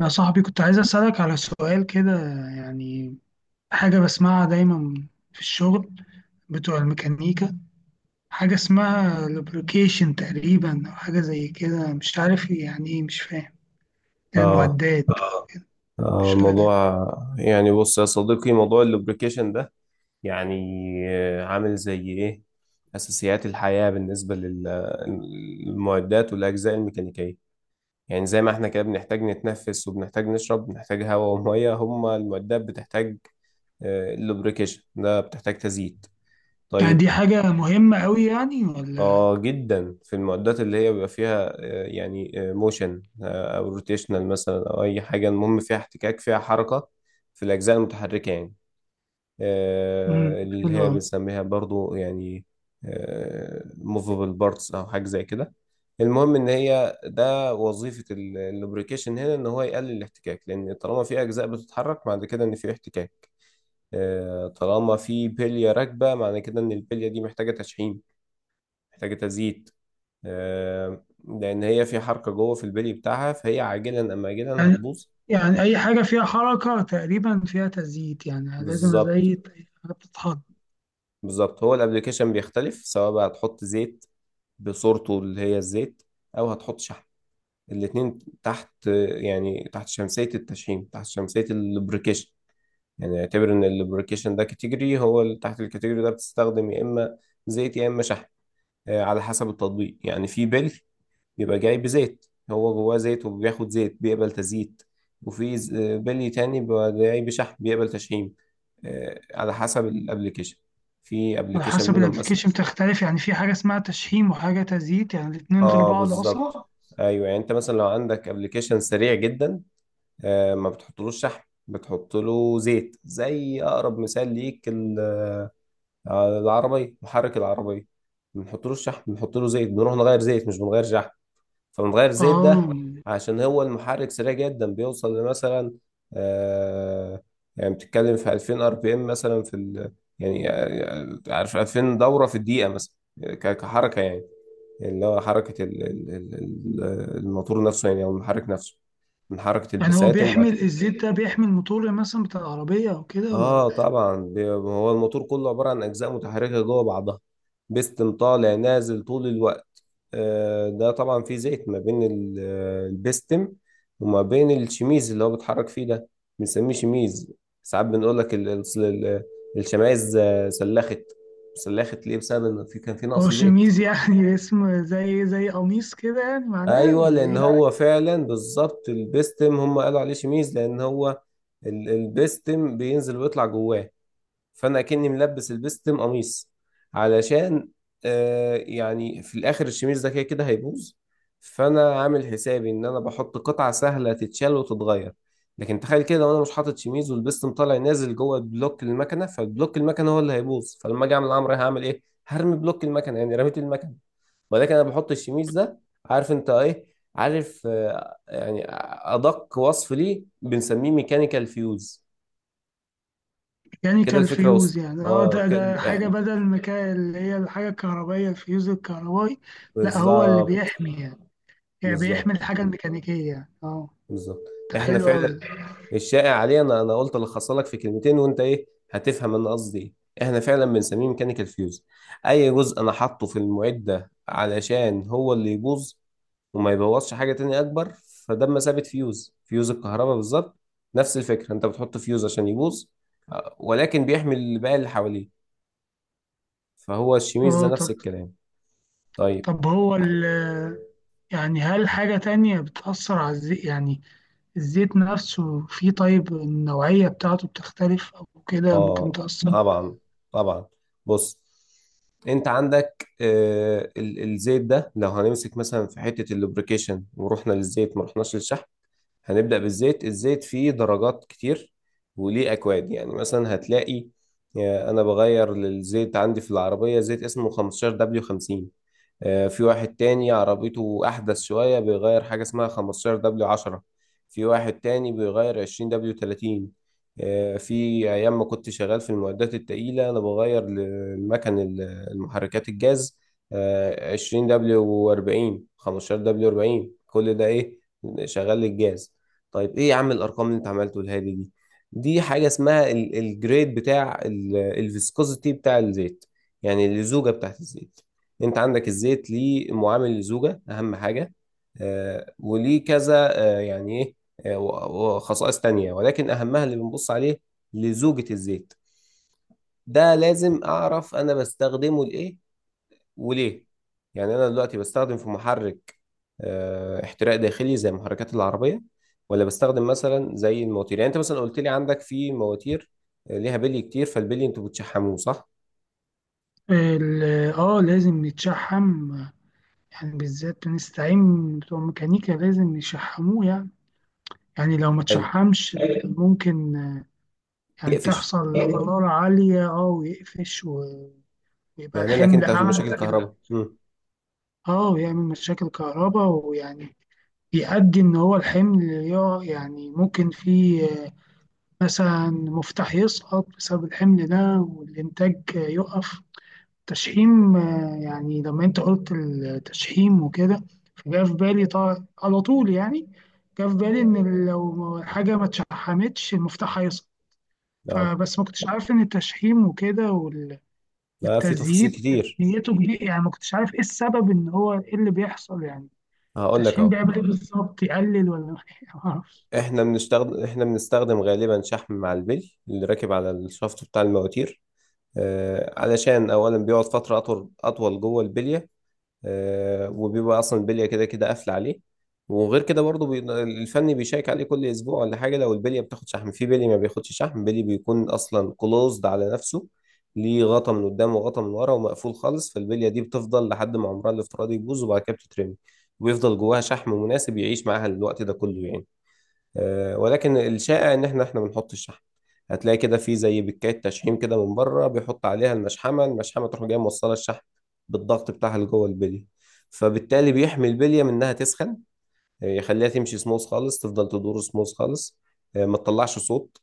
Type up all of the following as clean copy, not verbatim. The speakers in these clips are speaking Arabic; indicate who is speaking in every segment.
Speaker 1: يا صاحبي كنت عايز أسألك على سؤال كده، يعني حاجة بسمعها دايما في الشغل بتوع الميكانيكا. حاجة اسمها لوبريكيشن تقريبا أو حاجة زي كده، مش عارف يعني إيه، مش فاهم
Speaker 2: اه.
Speaker 1: المعدات. آه، مش
Speaker 2: الموضوع
Speaker 1: عارف.
Speaker 2: يعني بص يا صديقي، موضوع اللوبريكيشن ده يعني عامل زي ايه اساسيات الحياة بالنسبة للمعدات والاجزاء الميكانيكية. يعني زي ما احنا كده بنحتاج نتنفس وبنحتاج نشرب، بنحتاج هواء ومية، هما المعدات بتحتاج اللوبريكيشن ده، بتحتاج تزييت.
Speaker 1: يعني
Speaker 2: طيب
Speaker 1: دي حاجة مهمة أوي يعني ولا؟
Speaker 2: اه، جدا. في المعدات اللي هي بيبقى فيها يعني موشن او روتيشنال مثلا، او اي حاجه المهم فيها احتكاك، فيها حركه، في الاجزاء المتحركه يعني. اللي
Speaker 1: حلوة
Speaker 2: هي
Speaker 1: أوي.
Speaker 2: بنسميها برضو يعني موفبل بارتس او حاجه زي كده. المهم ان هي ده وظيفه اللوبريكيشن هنا، ان هو يقلل الاحتكاك. لان طالما في اجزاء بتتحرك، معنى كده ان في احتكاك. طالما في بليه راكبه، معنى كده ان البليه دي محتاجه تشحيم، محتاجه تزييت. لان هي في حركه جوه في البلي بتاعها، فهي عاجلا ام اجلا
Speaker 1: يعني
Speaker 2: هتبوظ.
Speaker 1: يعني أي حاجة فيها حركة تقريبا فيها تزييت، يعني لازم
Speaker 2: بالظبط،
Speaker 1: أزيت أي حاجة بتتحط.
Speaker 2: بالظبط. هو الابلكيشن بيختلف، سواء بقى هتحط زيت بصورته اللي هي الزيت او هتحط شحم. الاتنين تحت، يعني تحت شمسيه التشحيم، تحت شمسيه اللوبريكيشن. يعني اعتبر ان اللوبريكيشن ده كاتيجوري، هو اللي تحت الكاتيجوري ده بتستخدم يا اما زيت يا اما شحم. على حسب التطبيق. يعني في بلي بيبقى جاي بزيت، هو جواه زيت وبياخد زيت، بيقبل تزييت. وفي بلي تاني بيبقى جاي بشحم، بيقبل تشحيم. على حسب الابليكيشن. في
Speaker 1: على
Speaker 2: ابليكيشن
Speaker 1: حسب
Speaker 2: منهم مثلا،
Speaker 1: الابلكيشن بتختلف، يعني في حاجة اسمها تشحيم وحاجة تزييت، يعني الاتنين غير
Speaker 2: اه
Speaker 1: بعض
Speaker 2: بالظبط.
Speaker 1: أصلا.
Speaker 2: ايوه يعني انت مثلا لو عندك ابليكيشن سريع جدا، ما بتحطلوش شحم، بتحط له زيت. زي اقرب مثال ليك العربيه، محرك العربيه، بنحط له الشحم، بنحط له زيت، بنروح نغير زيت مش بنغير شحم. فبنغير زيت
Speaker 1: اه،
Speaker 2: ده عشان هو المحرك سريع جدا، بيوصل لمثلا آه يعني بتتكلم في 2000 ار بي ام مثلا، في يعني عارف، 2000 دورة في الدقيقة مثلا، كحركة يعني. اللي هو حركة الموتور نفسه يعني، أو المحرك نفسه، من حركة
Speaker 1: يعني هو
Speaker 2: البساتم وبعد
Speaker 1: بيحمل
Speaker 2: كده.
Speaker 1: الزيت ده، بيحمل موتور مثلا بتاع العربية أو كده ولا؟
Speaker 2: اه طبعا، هو الموتور كله عبارة عن أجزاء متحركة جوه بعضها، بيستم طالع نازل طول الوقت. ده طبعا فيه زيت ما بين البستم وما بين الشميز اللي هو بيتحرك فيه ده. بنسميه شميز. ساعات بنقول لك الشمايز سلخت. سلخت ليه؟ بسبب ان كان في
Speaker 1: هو
Speaker 2: نقص زيت.
Speaker 1: شميز يعني اسم زي زي قميص كده يعني معناه
Speaker 2: ايوه،
Speaker 1: ولا
Speaker 2: لان
Speaker 1: إيه؟
Speaker 2: هو فعلا بالظبط البستم، هم قالوا عليه شميز لان هو البستم بينزل ويطلع جواه، فانا اكني ملبس البستم قميص علشان يعني في الاخر الشميز ده كده كده هيبوظ، فانا عامل حسابي ان انا بحط قطعه سهله تتشال وتتغير. لكن تخيل كده وانا مش حاطط شميز، والبستم طالع نازل جوه بلوك المكنه، فالبلوك المكنه هو اللي هيبوظ. فلما اجي اعمل الامر، هعمل ايه؟ هرمي بلوك المكنه، يعني رميت المكنه. ولكن انا بحط الشميز ده، عارف انت ايه، عارف يعني ادق وصف ليه بنسميه ميكانيكال فيوز.
Speaker 1: يعني
Speaker 2: كده الفكره وصلت،
Speaker 1: كالفيوز يعني، اه
Speaker 2: اه
Speaker 1: ده ده حاجة بدل ما كان اللي هي الحاجة الكهربائية الفيوز الكهربائي. لا هو اللي
Speaker 2: بالظبط،
Speaker 1: بيحمي يعني، يعني بيحمي
Speaker 2: بالظبط،
Speaker 1: الحاجة الميكانيكية يعني، اه.
Speaker 2: بالظبط.
Speaker 1: ده
Speaker 2: احنا
Speaker 1: حلو أوي
Speaker 2: فعلا
Speaker 1: ده.
Speaker 2: الشائع عليه، انا قلت الخص لك في كلمتين وانت ايه هتفهم انا قصدي ايه. احنا فعلا بنسميه ميكانيكال فيوز، اي جزء انا حاطه في المعده علشان هو اللي يبوظ وما يبوظش حاجه تانية اكبر. فده مثابه فيوز، فيوز الكهرباء بالظبط. نفس الفكره، انت بتحط فيوز عشان يبوظ ولكن بيحمي باقي اللي حواليه. فهو الشميز ده
Speaker 1: اه
Speaker 2: نفس
Speaker 1: طب،
Speaker 2: الكلام. طيب
Speaker 1: طب هو ال، يعني هل حاجة تانية بتأثر على الزيت يعني؟ الزيت نفسه فيه طيب، النوعية بتاعته بتختلف أو كده ممكن
Speaker 2: اه،
Speaker 1: تأثر؟
Speaker 2: طبعا، طبعا. بص، انت عندك الزيت ده، لو هنمسك مثلا في حتة اللوبريكيشن ورحنا للزيت ما رحناش للشحم، هنبدأ بالزيت. الزيت فيه درجات كتير وليه أكواد، يعني مثلا هتلاقي أنا بغير للزيت عندي في العربية زيت اسمه 15W50. في واحد تاني عربيته أحدث شوية، بيغير حاجة اسمها 15 دبليو 10. في واحد تاني بيغير 20 دبليو 30. في أيام ما كنت شغال في المعدات التقيلة، أنا بغير للمكن المحركات الجاز 20 دبليو 40، 15 دبليو 40. كل ده إيه؟ شغال للجاز. طيب إيه يا عم الأرقام اللي أنت عملته الهادي دي؟ دي حاجة اسمها الجريد بتاع الفيسكوزيتي بتاع الزيت، يعني اللزوجة بتاعت الزيت. انت عندك الزيت ليه معامل الزوجة اهم حاجة. وليه كذا يعني ايه وخصائص تانية، ولكن اهمها اللي بنبص عليه لزوجة الزيت. ده لازم اعرف انا بستخدمه لايه وليه. يعني انا دلوقتي بستخدم في محرك احتراق داخلي زي محركات العربية؟ ولا بستخدم مثلا زي المواتير؟ يعني انت مثلا قلت لي عندك في مواتير ليها بلي كتير، فالبلي انتوا بتشحموه صح.
Speaker 1: اه لازم يتشحم، يعني بالذات بنستعين بتوع ميكانيكا لازم يشحموه يعني. يعني لو ما
Speaker 2: حلو،
Speaker 1: تشحمش ممكن، يعني
Speaker 2: يقفش،
Speaker 1: تحصل حرارة عالية اه، ويقفش ويبقى
Speaker 2: يعمل لك
Speaker 1: الحمل
Speaker 2: انت مشاكل
Speaker 1: أعلى.
Speaker 2: كهرباء.
Speaker 1: اه ويعمل مشاكل كهرباء، ويعني بيؤدي إن هو الحمل يعني ممكن فيه مثلا مفتاح يسقط بسبب الحمل ده والإنتاج يقف. تشحيم، يعني لما أنت قلت التشحيم وكده، فجاء في بالي طبعا على طول يعني، جاء في بالي إن لو حاجة ما اتشحمتش المفتاح هيسقط.
Speaker 2: اه
Speaker 1: فبس ما كنتش عارف إن التشحيم وكده
Speaker 2: لا، في تفاصيل
Speaker 1: والتزييت
Speaker 2: كتير.
Speaker 1: نيته كبيرة، يعني ما كنتش عارف إيه السبب إن هو إيه اللي بيحصل يعني.
Speaker 2: هقول لك
Speaker 1: التشحيم
Speaker 2: اهو.
Speaker 1: بيعمل إيه بالظبط، يقلل ولا ما أعرفش.
Speaker 2: احنا بنستخدم غالبا شحم مع البلي اللي راكب على الشفط بتاع المواتير، علشان اولا بيقعد فتره اطول اطول جوه البليه. وبيبقى اصلا البليه كده كده قافله عليه. وغير كده برضه الفني بيشيك عليه كل اسبوع ولا حاجه. لو البليه بتاخد شحم. في بليه ما بياخدش شحم، بليه بيكون اصلا كلوزد على نفسه. ليه غطا من قدام وغطا من ورا، ومقفول خالص. فالبليه دي بتفضل لحد ما عمرها الافتراضي يبوظ، وبعد كده بتترمي، وبيفضل جواها شحم مناسب يعيش معاها الوقت ده كله يعني. ولكن الشائع ان احنا بنحط الشحم. هتلاقي كده في زي بكاية تشحيم كده من بره، بيحط عليها المشحمة. المشحمة تروح جاية موصلة الشحم بالضغط بتاعها لجوه البلية. فبالتالي بيحمي البلية من انها تسخن، يخليها تمشي سموث خالص، تفضل تدور سموث خالص، ما تطلعش صوت،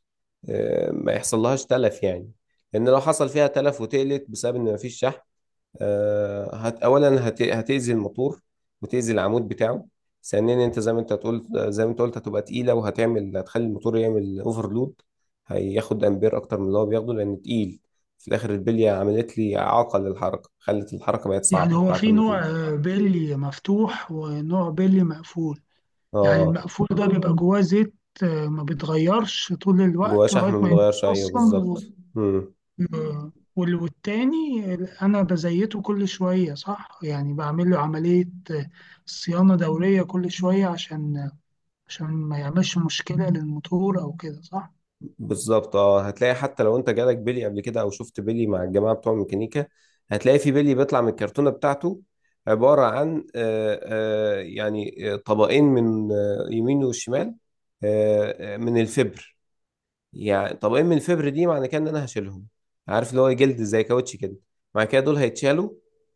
Speaker 2: ما يحصل لهاش تلف يعني. لان لو حصل فيها تلف وتقلت بسبب ان مفيش شحم، هتأذي الموتور وتأذي العمود بتاعه. ثانيا، انت زي ما انت تقول زي ما انت قلت، هتبقى تقيله، هتخلي الموتور يعمل اوفرلود، هياخد امبير اكتر من اللي هو بياخده لان تقيل. في الاخر البليه عملت لي اعاقه للحركه، خلت الحركه بقت
Speaker 1: يعني
Speaker 2: صعبه
Speaker 1: هو
Speaker 2: بتاعه
Speaker 1: في نوع،
Speaker 2: الموتور.
Speaker 1: بيلي مفتوح ونوع بيلي مقفول. يعني
Speaker 2: اه،
Speaker 1: المقفول ده بيبقى جواه زيت، ما بيتغيرش طول
Speaker 2: جواه
Speaker 1: الوقت
Speaker 2: شحم
Speaker 1: لغاية ما
Speaker 2: متغير،
Speaker 1: يبوظ
Speaker 2: ايوه
Speaker 1: أصلا
Speaker 2: بالظبط.
Speaker 1: والتاني أنا بزيته كل شوية صح، يعني بعمل له عملية صيانة دورية كل شوية عشان، عشان ما يعملش مشكلة للموتور أو كده صح.
Speaker 2: بالظبط. اه، هتلاقي حتى لو انت جالك بيلي قبل كده، او شفت بيلي مع الجماعه بتوع الميكانيكا، هتلاقي في بيلي بيطلع من الكرتونه بتاعته عباره عن طبقين من يمين وشمال، من الفبر. يعني طب ايه من فبر دي؟ معنى كده ان انا هشيلهم. عارف اللي هو جلد زي كاوتش كده، مع كده دول هيتشالوا،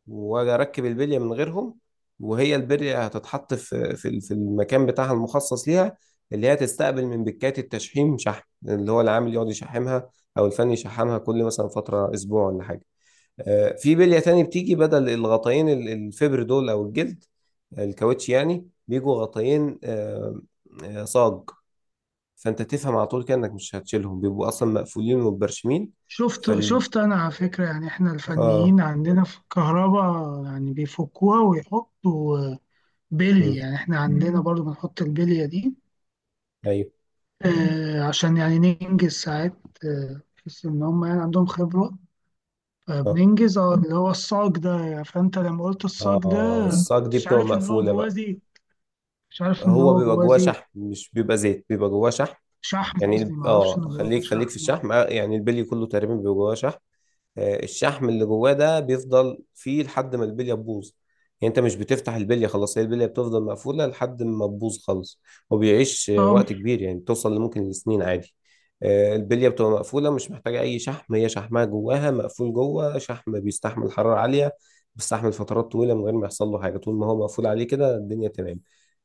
Speaker 2: واجي اركب البليه من غيرهم. وهي البليه هتتحط في المكان بتاعها المخصص ليها، اللي هي تستقبل من بكات التشحيم شحن، اللي هو العامل يقعد يشحمها او الفني يشحمها كل مثلا فتره اسبوع ولا حاجه. في بليه تاني بتيجي بدل الغطاين الفبر دول، او الجلد الكاوتش يعني، بيجوا غطاين صاج. فانت تفهم على طول كده انك مش هتشيلهم، بيبقوا اصلا مقفولين ومبرشمين.
Speaker 1: شفت
Speaker 2: فال
Speaker 1: شفت أنا على فكرة، يعني إحنا
Speaker 2: اه.
Speaker 1: الفنيين عندنا في الكهرباء يعني بيفكوها ويحطوا بلي،
Speaker 2: مم.
Speaker 1: يعني احنا عندنا برضو بنحط البلية دي.
Speaker 2: ايوه.
Speaker 1: آه عشان يعني ننجز ساعات، بحيث ان هم يعني عندهم خبرة.
Speaker 2: اه
Speaker 1: فبننجز اه اللي هو الصاج ده يعني، فانت لما قلت الصاج ده
Speaker 2: اه الصاج دي
Speaker 1: مش
Speaker 2: بتبقى
Speaker 1: عارف ان هو
Speaker 2: مقفوله
Speaker 1: جواه
Speaker 2: بقى.
Speaker 1: زيت، مش عارف ان
Speaker 2: هو
Speaker 1: هو
Speaker 2: بيبقى
Speaker 1: جواه
Speaker 2: جواه
Speaker 1: زيت.
Speaker 2: شحم، مش بيبقى زيت، بيبقى جواه شحم.
Speaker 1: شحم
Speaker 2: يعني
Speaker 1: قصدي، ما اعرفش ان
Speaker 2: اه،
Speaker 1: جواه
Speaker 2: خليك في
Speaker 1: شحم اه.
Speaker 2: الشحم. يعني البلي كله تقريبا بيبقى جواه شحم. الشحم اللي جواه ده بيفضل فيه لحد ما البليه تبوظ. يعني انت مش بتفتح البليه خلاص، هي البليه بتفضل مقفوله لحد ما تبوظ خالص. وبيعيش
Speaker 1: آه،
Speaker 2: وقت كبير يعني، بتوصل لممكن لسنين عادي. البليه بتبقى مقفوله، مش محتاجه اي شحم، هي شحمها جواها مقفول. جوه شحم بيستحمل حراره عاليه، بيستحمل فترات طويله من غير ما يحصل له حاجه. طول ما هو مقفول عليه كده الدنيا تمام.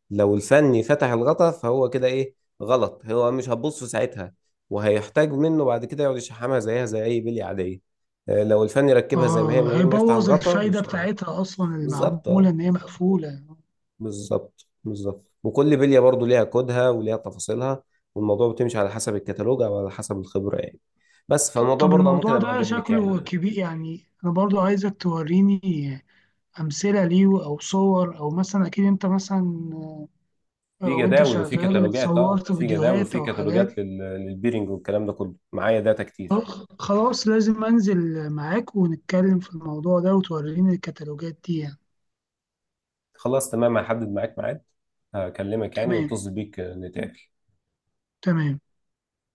Speaker 2: لو الفني فتح الغطا فهو كده ايه؟ غلط. هو مش هتبص ساعتها، وهيحتاج منه بعد كده يقعد يشحمها زيها زي اي بلي عاديه. لو الفني ركبها زي ما هي من غير ما يفتح
Speaker 1: هيبوظ
Speaker 2: الغطا،
Speaker 1: الفايدة
Speaker 2: مش
Speaker 1: بتاعتها أصلا
Speaker 2: بالظبط.
Speaker 1: المعمولة
Speaker 2: اه
Speaker 1: إن هي مقفولة.
Speaker 2: بالظبط، بالظبط. وكل بليه برضو ليها كودها وليها تفاصيلها، والموضوع بتمشي على حسب الكتالوج او على حسب الخبره يعني. بس فالموضوع
Speaker 1: طب
Speaker 2: برضه ممكن
Speaker 1: الموضوع
Speaker 2: ابقى
Speaker 1: ده
Speaker 2: اجيب لك
Speaker 1: شكله
Speaker 2: يعني
Speaker 1: كبير، يعني أنا برضو عايزك توريني امثله ليه او صور، او مثلا اكيد انت مثلا
Speaker 2: في
Speaker 1: وانت
Speaker 2: جداول وفي
Speaker 1: شغال
Speaker 2: كتالوجات. اه،
Speaker 1: صورت
Speaker 2: في جداول
Speaker 1: فيديوهات
Speaker 2: وفي
Speaker 1: او حاجات.
Speaker 2: كتالوجات للبيرنج والكلام ده كله، معايا داتا كتير.
Speaker 1: آه، خلاص لازم انزل معاك ونتكلم في الموضوع ده وتوريني الكتالوجات دي يعني.
Speaker 2: خلاص تمام، هحدد معاك ميعاد، هكلمك يعني
Speaker 1: تمام.
Speaker 2: واتصل بيك نتقابل.
Speaker 1: تمام.